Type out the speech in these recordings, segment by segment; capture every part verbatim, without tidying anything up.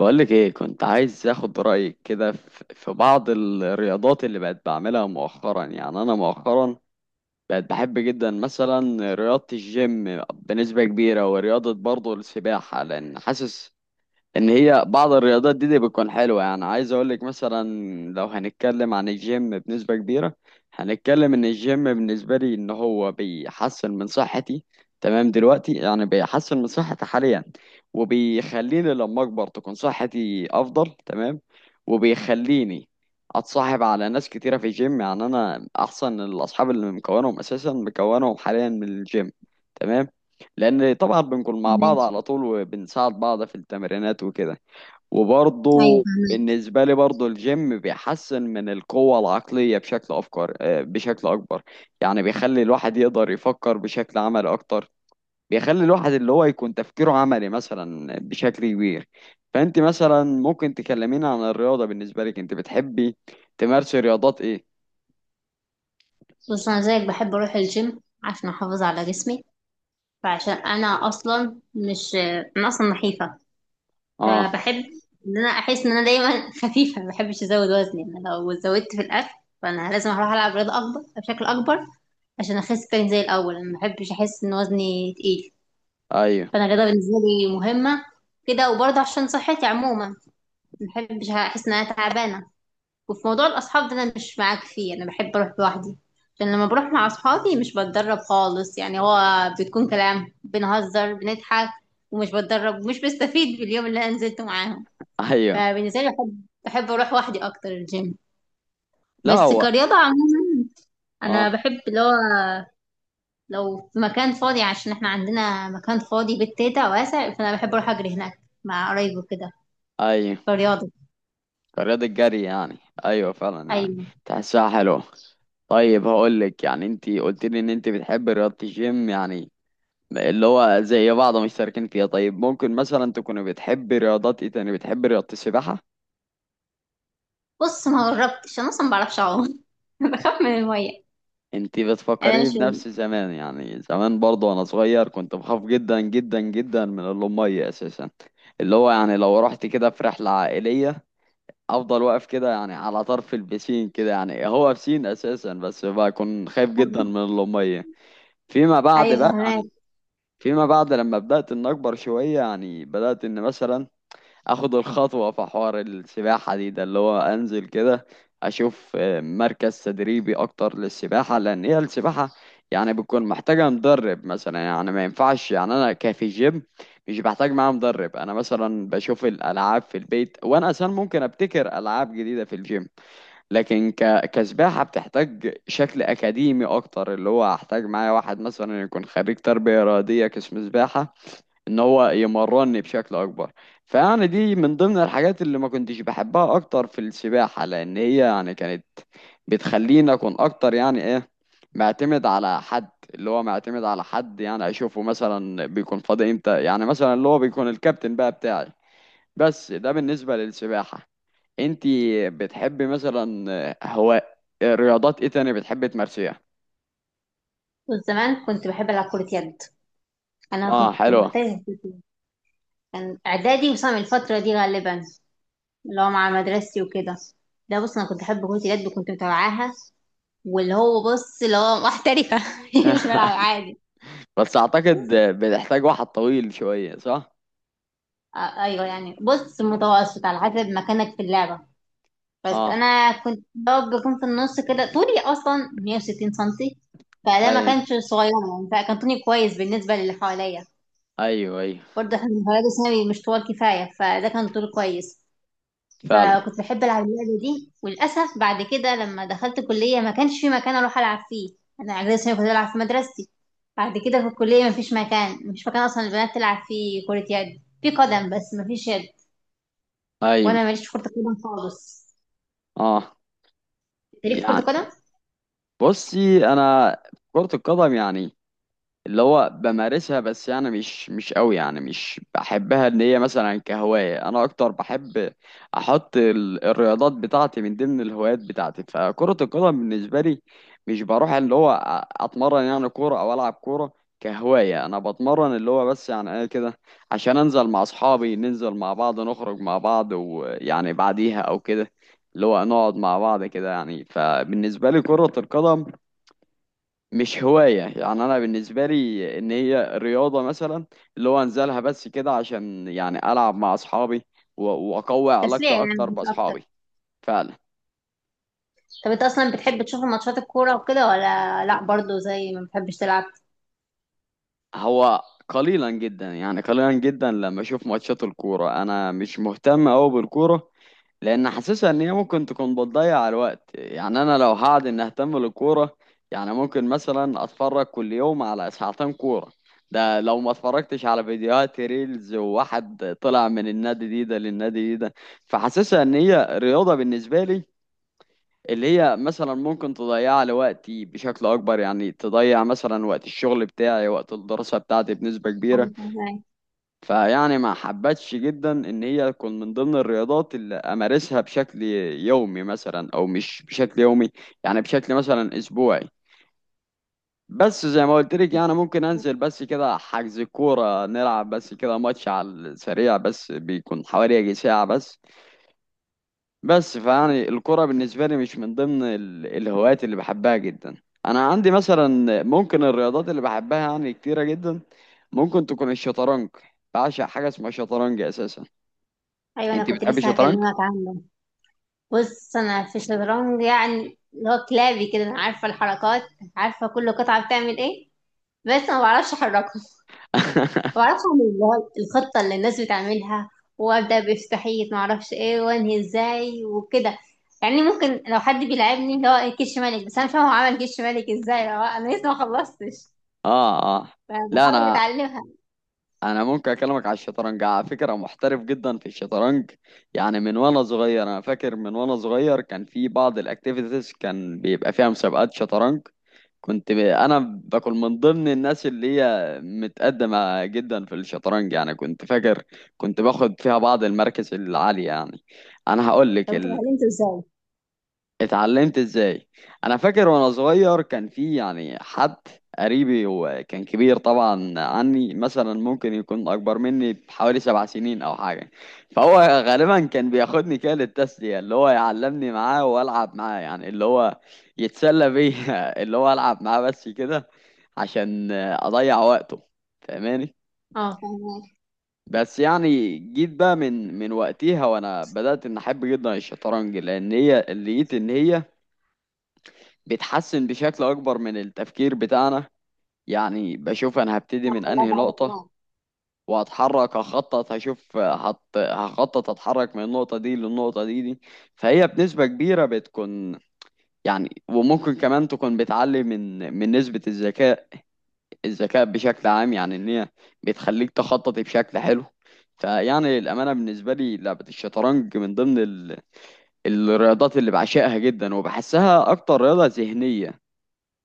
بقولك ايه، كنت عايز اخد رأيك كده في في بعض الرياضات اللي بقت بعملها مؤخرا. يعني انا مؤخرا بقت بحب جدا مثلا رياضة الجيم بنسبة كبيرة، ورياضة برضه السباحة لان حاسس ان هي بعض الرياضات دي, دي بتكون حلوه. يعني عايز اقول لك مثلا لو هنتكلم عن الجيم بنسبه كبيره، هنتكلم ان الجيم بالنسبه لي ان هو بيحسن من صحتي. تمام. دلوقتي يعني بيحسن من صحتي حاليا، وبيخليني لما اكبر تكون صحتي افضل. تمام. وبيخليني اتصاحب على ناس كتيره في الجيم، يعني انا احسن الاصحاب اللي مكونهم اساسا مكونهم حاليا من الجيم. تمام. لان طبعا بنكون مع بعض ماشي. على طول وبنساعد بعض في التمرينات وكده. ايوه، وبرضه فهمت. بالنسبة لي برضه الجيم بيحسن من القوة العقلية بشكل أفكار، آه، بشكل أكبر. يعني بيخلي الواحد يقدر يفكر بشكل عملي أكتر. بيخلي الواحد اللي هو يكون تفكيره عملي مثلا بشكل كبير. فأنت مثلا ممكن تكلمينا عن الرياضة، بالنسبة لك أنت بتحبي تمارسي رياضات إيه؟ بص، انا زيك بحب اروح الجيم عشان احافظ على جسمي، فعشان انا اصلا مش انا اصلا نحيفه، آه. فبحب ان انا احس ان انا دايما خفيفه. ما بحبش ازود وزني. انا لو زودت في الاكل فانا لازم اروح العب رياضه اكبر بشكل اكبر عشان اخس تاني زي الاول. انا ما بحبش احس ان وزني تقيل، أيوه، فانا الرياضه بالنسبه لي مهمه كده، وبرضه عشان صحتي عموما ما بحبش احس ان انا تعبانه. وفي موضوع الأصحاب ده أنا مش معاك فيه، أنا بحب أروح لوحدي، عشان لما بروح مع أصحابي مش بتدرب خالص، يعني هو بتكون كلام، بنهزر، بنضحك، ومش بتدرب ومش بستفيد باليوم اللي أنا نزلته معاهم. أيوه. فبالنسبة لي بحب بحب أروح وحدي أكتر الجيم. لا، بس هو. كرياضة عموما أنا آه، بحب اللي هو لو في مكان فاضي، عشان احنا عندنا مكان فاضي بيت تيتا واسع، فأنا بحب أروح أجري هناك مع قرايبي كده، أيوه. كرياضة. كرياضة جري يعني. ايوه، فعلا يعني، أيوة. تحسها حلوة. طيب، هقول لك. يعني انت قلت لي ان انت بتحب رياضة الجيم، يعني اللي هو زي بعض مشتركين فيها. طيب، ممكن مثلا تكوني بتحبي رياضات ايه تاني؟ بتحبي رياضة السباحة؟ بص، ما جربتش، أنا أصلا ما بعرفش أعوم بخاف من المية، انت يعني انا بتفكريني مش بنفس زمان. يعني زمان برضه وانا صغير كنت بخاف جدا جدا جدا من المية اساسا. اللي هو يعني لو رحت كده في رحلة عائلية، افضل واقف كده يعني على طرف البسين، كده يعني هو بسين اساسا، بس بكون خايف جدا من... من المية. فيما بعد ايوه، بقى فهماك. يعني، فيما بعد لما بدأت ان اكبر شوية، يعني بدأت ان مثلا اخد الخطوة في حوار السباحة دي. ده اللي هو انزل كده، اشوف آه، مركز تدريبي اكتر للسباحة، لان هي السباحة يعني بتكون محتاجة مدرب مثلا. يعني ما ينفعش، يعني انا كفي جيم مش بحتاج معاه مدرب. انا مثلا بشوف الالعاب في البيت، وانا اصلا ممكن ابتكر العاب جديدة في الجيم. لكن ك... كسباحة بتحتاج شكل أكاديمي أكتر، اللي هو هحتاج معايا واحد مثلا يكون خريج تربية رياضية قسم سباحة، إن هو يمرني بشكل أكبر. فيعني دي من ضمن الحاجات اللي ما كنتش بحبها أكتر في السباحة، لأن هي يعني كانت بتخليني أكون أكتر يعني إيه، معتمد على حد. اللي هو معتمد على حد، يعني أشوفه مثلا بيكون فاضي إمتى، يعني مثلا اللي هو بيكون الكابتن بقى بتاعي. بس ده بالنسبة للسباحة. انتي بتحبي مثلا، آه، هو رياضات ايه تاني بتحبي تمارسيها؟ وزمان كنت بحب العب كرة يد، انا اه، كنت حلوة. محترفة في كرة يد. كان اعدادي وصام الفترة دي غالبا، اللي هو مع مدرستي وكده. ده بص، انا كنت احب كرة اليد وكنت متابعاها، واللي هو بص اللي هو محترفة مش بلعب عادي. بس اعتقد بتحتاج واحد طويل شوية، صح؟ آه، ايوه، يعني بص متوسط على حسب مكانك في اللعبة، بس اه، انا كنت بقى بكون في النص كده، طولي اصلا مية وستين سنتي، فده ما اي، كانش صغير يعني، فكان طولي كويس بالنسبة للي حواليا. ايوه، ايوه. برضه احنا المدرج الثانوي مش طوال كفاية، فده كان طول كويس. فعلا. فكنت بحب ألعب اللعبة دي، وللأسف بعد كده لما دخلت كلية ما كانش في مكان أروح ألعب فيه. أنا إعدادي ثانوي كنت بلعب في مدرستي، بعد كده في الكلية ما فيش مكان، مش مكان أصلا البنات تلعب فيه كرة يد، في قدم بس ما فيش يد، ايوه، وأنا ماليش في كرة القدم خالص. اه. أنت ليك في كرة يعني القدم، بصي انا، كرة القدم يعني اللي هو بمارسها بس، يعني مش مش قوي. يعني مش بحبها ان هي مثلا كهواية. انا اكتر بحب احط ال- الرياضات بتاعتي من ضمن الهوايات بتاعتي. فكرة القدم بالنسبة لي مش بروح اللي هو أ- اتمرن، يعني كورة او العب كورة. كهواية انا بتمرن اللي هو بس، يعني انا كده عشان انزل مع اصحابي، ننزل مع بعض، نخرج مع بعض، ويعني بعديها او كده، اللي هو نقعد مع بعض كده. يعني فبالنسبة لي كرة القدم مش هواية. يعني أنا بالنسبة لي إن هي رياضة مثلا اللي هو أنزلها بس كده عشان يعني ألعب مع أصحابي، و- وأقوي تسلية علاقتي يعني أكتر مش أكتر. بأصحابي. فعلا. طب أنت أصلا بتحب تشوف ماتشات الكورة وكده ولا لأ، برضه زي ما بتحبش تلعب؟ هو قليلا جدا، يعني قليلا جدا لما أشوف ماتشات الكورة. أنا مش مهتم أوي بالكورة، لان حاسسها ان هي ممكن تكون بتضيع الوقت. يعني انا لو هقعد ان اهتم بالكوره، يعني ممكن مثلا اتفرج كل يوم على ساعتين كوره. ده لو ما اتفرجتش على فيديوهات ريلز، وواحد طلع من النادي دي ده للنادي دي ده. فحاسسها ان هي رياضه بالنسبه لي، اللي هي مثلا ممكن تضيع لي وقتي بشكل اكبر. يعني تضيع مثلا وقت الشغل بتاعي، وقت الدراسه بتاعتي بنسبه كبيره. فيعني ما حبتش جدا ان هي تكون من ضمن الرياضات اللي امارسها بشكل يومي مثلا، او مش بشكل يومي، يعني بشكل مثلا اسبوعي. بس زي ما قلت لك يعني، ممكن انزل بس كده، حجز كورة نلعب بس كده، ماتش على السريع بس، بيكون حوالي يجي ساعة بس. بس فيعني الكورة بالنسبة لي مش من ضمن ال- الهوايات اللي بحبها جدا. انا عندي مثلا ممكن الرياضات اللي بحبها يعني كتيرة جدا، ممكن تكون الشطرنج. بعشق حاجة اسمها شطرنج اساسا. أيوة، أنا انت كنت بتحبي لسه الشطرنج؟ هكلمك عنه. بص انا في الشطرنج يعني اللي هو كلابي كده، انا عارفه الحركات، عارفه كل قطعه بتعمل ايه، بس ما بعرفش احركها، ما بعرفش اعمل اللي هو الخطه اللي الناس بتعملها، وابدا بافتحيه ما اعرفش ايه وانهي ازاي وكده. يعني ممكن لو حد بيلعبني اللي هو إيه، كش ملك، بس انا مش فاهمه هو عمل كش ملك ازاي، هو انا لسه ما خلصتش، اه، اه. لا، فبحاول انا اتعلمها. انا ممكن اكلمك على الشطرنج على فكره. محترف جدا في الشطرنج. يعني من وانا صغير، انا فاكر من وانا صغير كان في بعض الاكتيفيتيز كان بيبقى فيها مسابقات شطرنج. كنت ب... انا بكون من ضمن الناس اللي هي متقدمه جدا في الشطرنج. يعني كنت فاكر كنت باخد فيها بعض المراكز العاليه يعني. انا هقول لك. طب انت اتعلمته ازاي؟ اتعلمت ازاي. انا فاكر وانا صغير كان في يعني حد قريبي، وكان كبير طبعا عني، مثلا ممكن يكون اكبر مني بحوالي سبع سنين او حاجه. فهو غالبا كان بياخدني كده للتسليه، اللي هو يعلمني معاه والعب معاه، يعني اللي هو يتسلى بيا اللي هو العب معاه بس كده عشان اضيع وقته. فاهماني؟ اه، فاهمك. بس يعني جيت بقى من من وقتها، وانا بدات ان احب جدا الشطرنج، لان هي لقيت ان هي بتحسن بشكل أكبر من التفكير بتاعنا. يعني بشوف أنا هبتدي لا، من لا، أنهي بعد نقطة، ما- وهتحرك، هخطط، هشوف، هت... هخطط أتحرك من النقطة دي للنقطة دي دي. فهي بنسبة كبيرة بتكون، يعني وممكن كمان تكون بتعلي من من نسبة الذكاء، الذكاء بشكل عام. يعني إن هي بتخليك تخطط بشكل حلو. فيعني الأمانة بالنسبة لي لعبة الشطرنج من ضمن ال... الرياضات اللي بعشقها جدا، وبحسها أكتر رياضة ذهنية.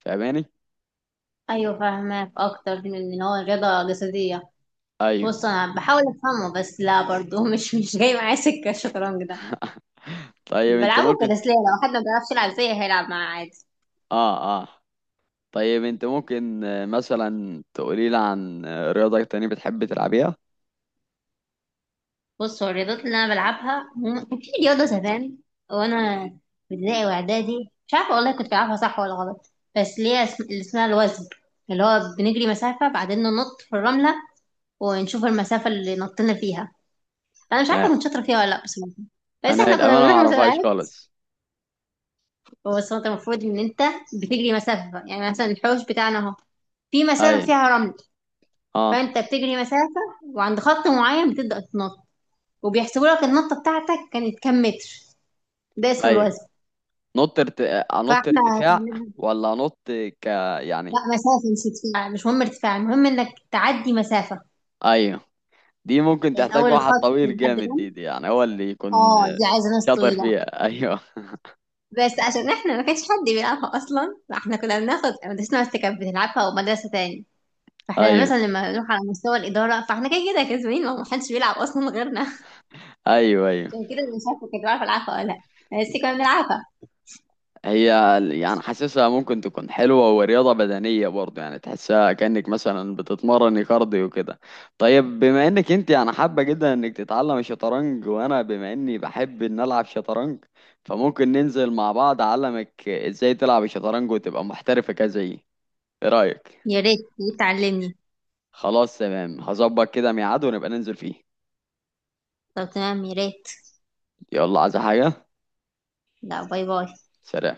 فاهماني؟ ايوه، فاهمك اكتر من ان هو رياضه جسديه. أيوه. بص انا بحاول افهمه بس لا، برضه مش مش جاي معايا سكه الشطرنج ده. طيب انت بلعبه ممكن كتسليه، لو حد ما بيعرفش يلعب زيي هيلعب معاه عادي. اه، اه. طيب، انت ممكن آه، مثلا تقولي لي عن آه، رياضة تانية بتحب تلعبيها؟ بص هو الرياضات اللي انا بلعبها هم- كان في رياضه زمان وانا في ابتدائي واعدادي، مش عارفه والله كنت بلعبها صح ولا غلط، بس ليها اسم اللي اسمها الوزن، اللي هو بنجري مسافه بعدين ننط في الرمله، ونشوف المسافه اللي نطينا فيها. انا مش عارفه آه. كنت شاطره فيها ولا لا بصراحه، بس انا احنا كنا الامانة ما بنروح اعرفهاش مسابقات. خالص. بس هو انت المفروض ان انت بتجري مسافه، يعني مثلا الحوش بتاعنا اهو، في ايوه، مسافة فيها رمل، اه، فأنت بتجري مسافة وعند خط معين بتبدأ تنط، وبيحسبوا لك النطة بتاعتك كانت كام متر. ده اسمه ايوه. الوزن. نط ارت... آه، انط فاحنا ارتفاع. هتعملها- ولا انط ك لا، يعني، مسافة مش ارتفاع، مش مهم ارتفاع، المهم انك تعدي مسافة. ايوه. دي ممكن يعني تحتاج أول واحد الخط طويل لحد جامد، الرمل. دي, دي يعني هو اللي يكون اه، آه، دي عايزة ناس شاطر طويلة، فيها. ايوه، بس عشان احنا ما كانش حد بيلعبها أصلا، فاحنا كنا بناخد مدرستنا بس كانت بتلعبها ومدرسة تاني، فاحنا ايوه، مثلا لما نروح على مستوى الإدارة فاحنا كده كده كسبانين، ما حدش بيلعب أصلا غيرنا ايوه، ايوه. عشان كده انا مش عارفه كنت بعرف العبها ولا لا، بس كنا بنلعبها. هي يعني حاسسها ممكن تكون حلوة ورياضة بدنية برضه. يعني تحسها كأنك مثلا بتتمرن كارديو كده. طيب بما انك انت يعني حابة جدا انك تتعلم الشطرنج، وانا بما اني بحب ان العب شطرنج، فممكن ننزل مع بعض اعلمك ازاي تلعب الشطرنج، وتبقى محترفة كزيي. ايه رأيك؟ يا ريت، تعلمني. خلاص تمام. هظبط كده ميعاد ونبقى ننزل فيه. طب تمام، يا ريت. يلا، عايزة حاجة؟ لا، باي باي. سلام.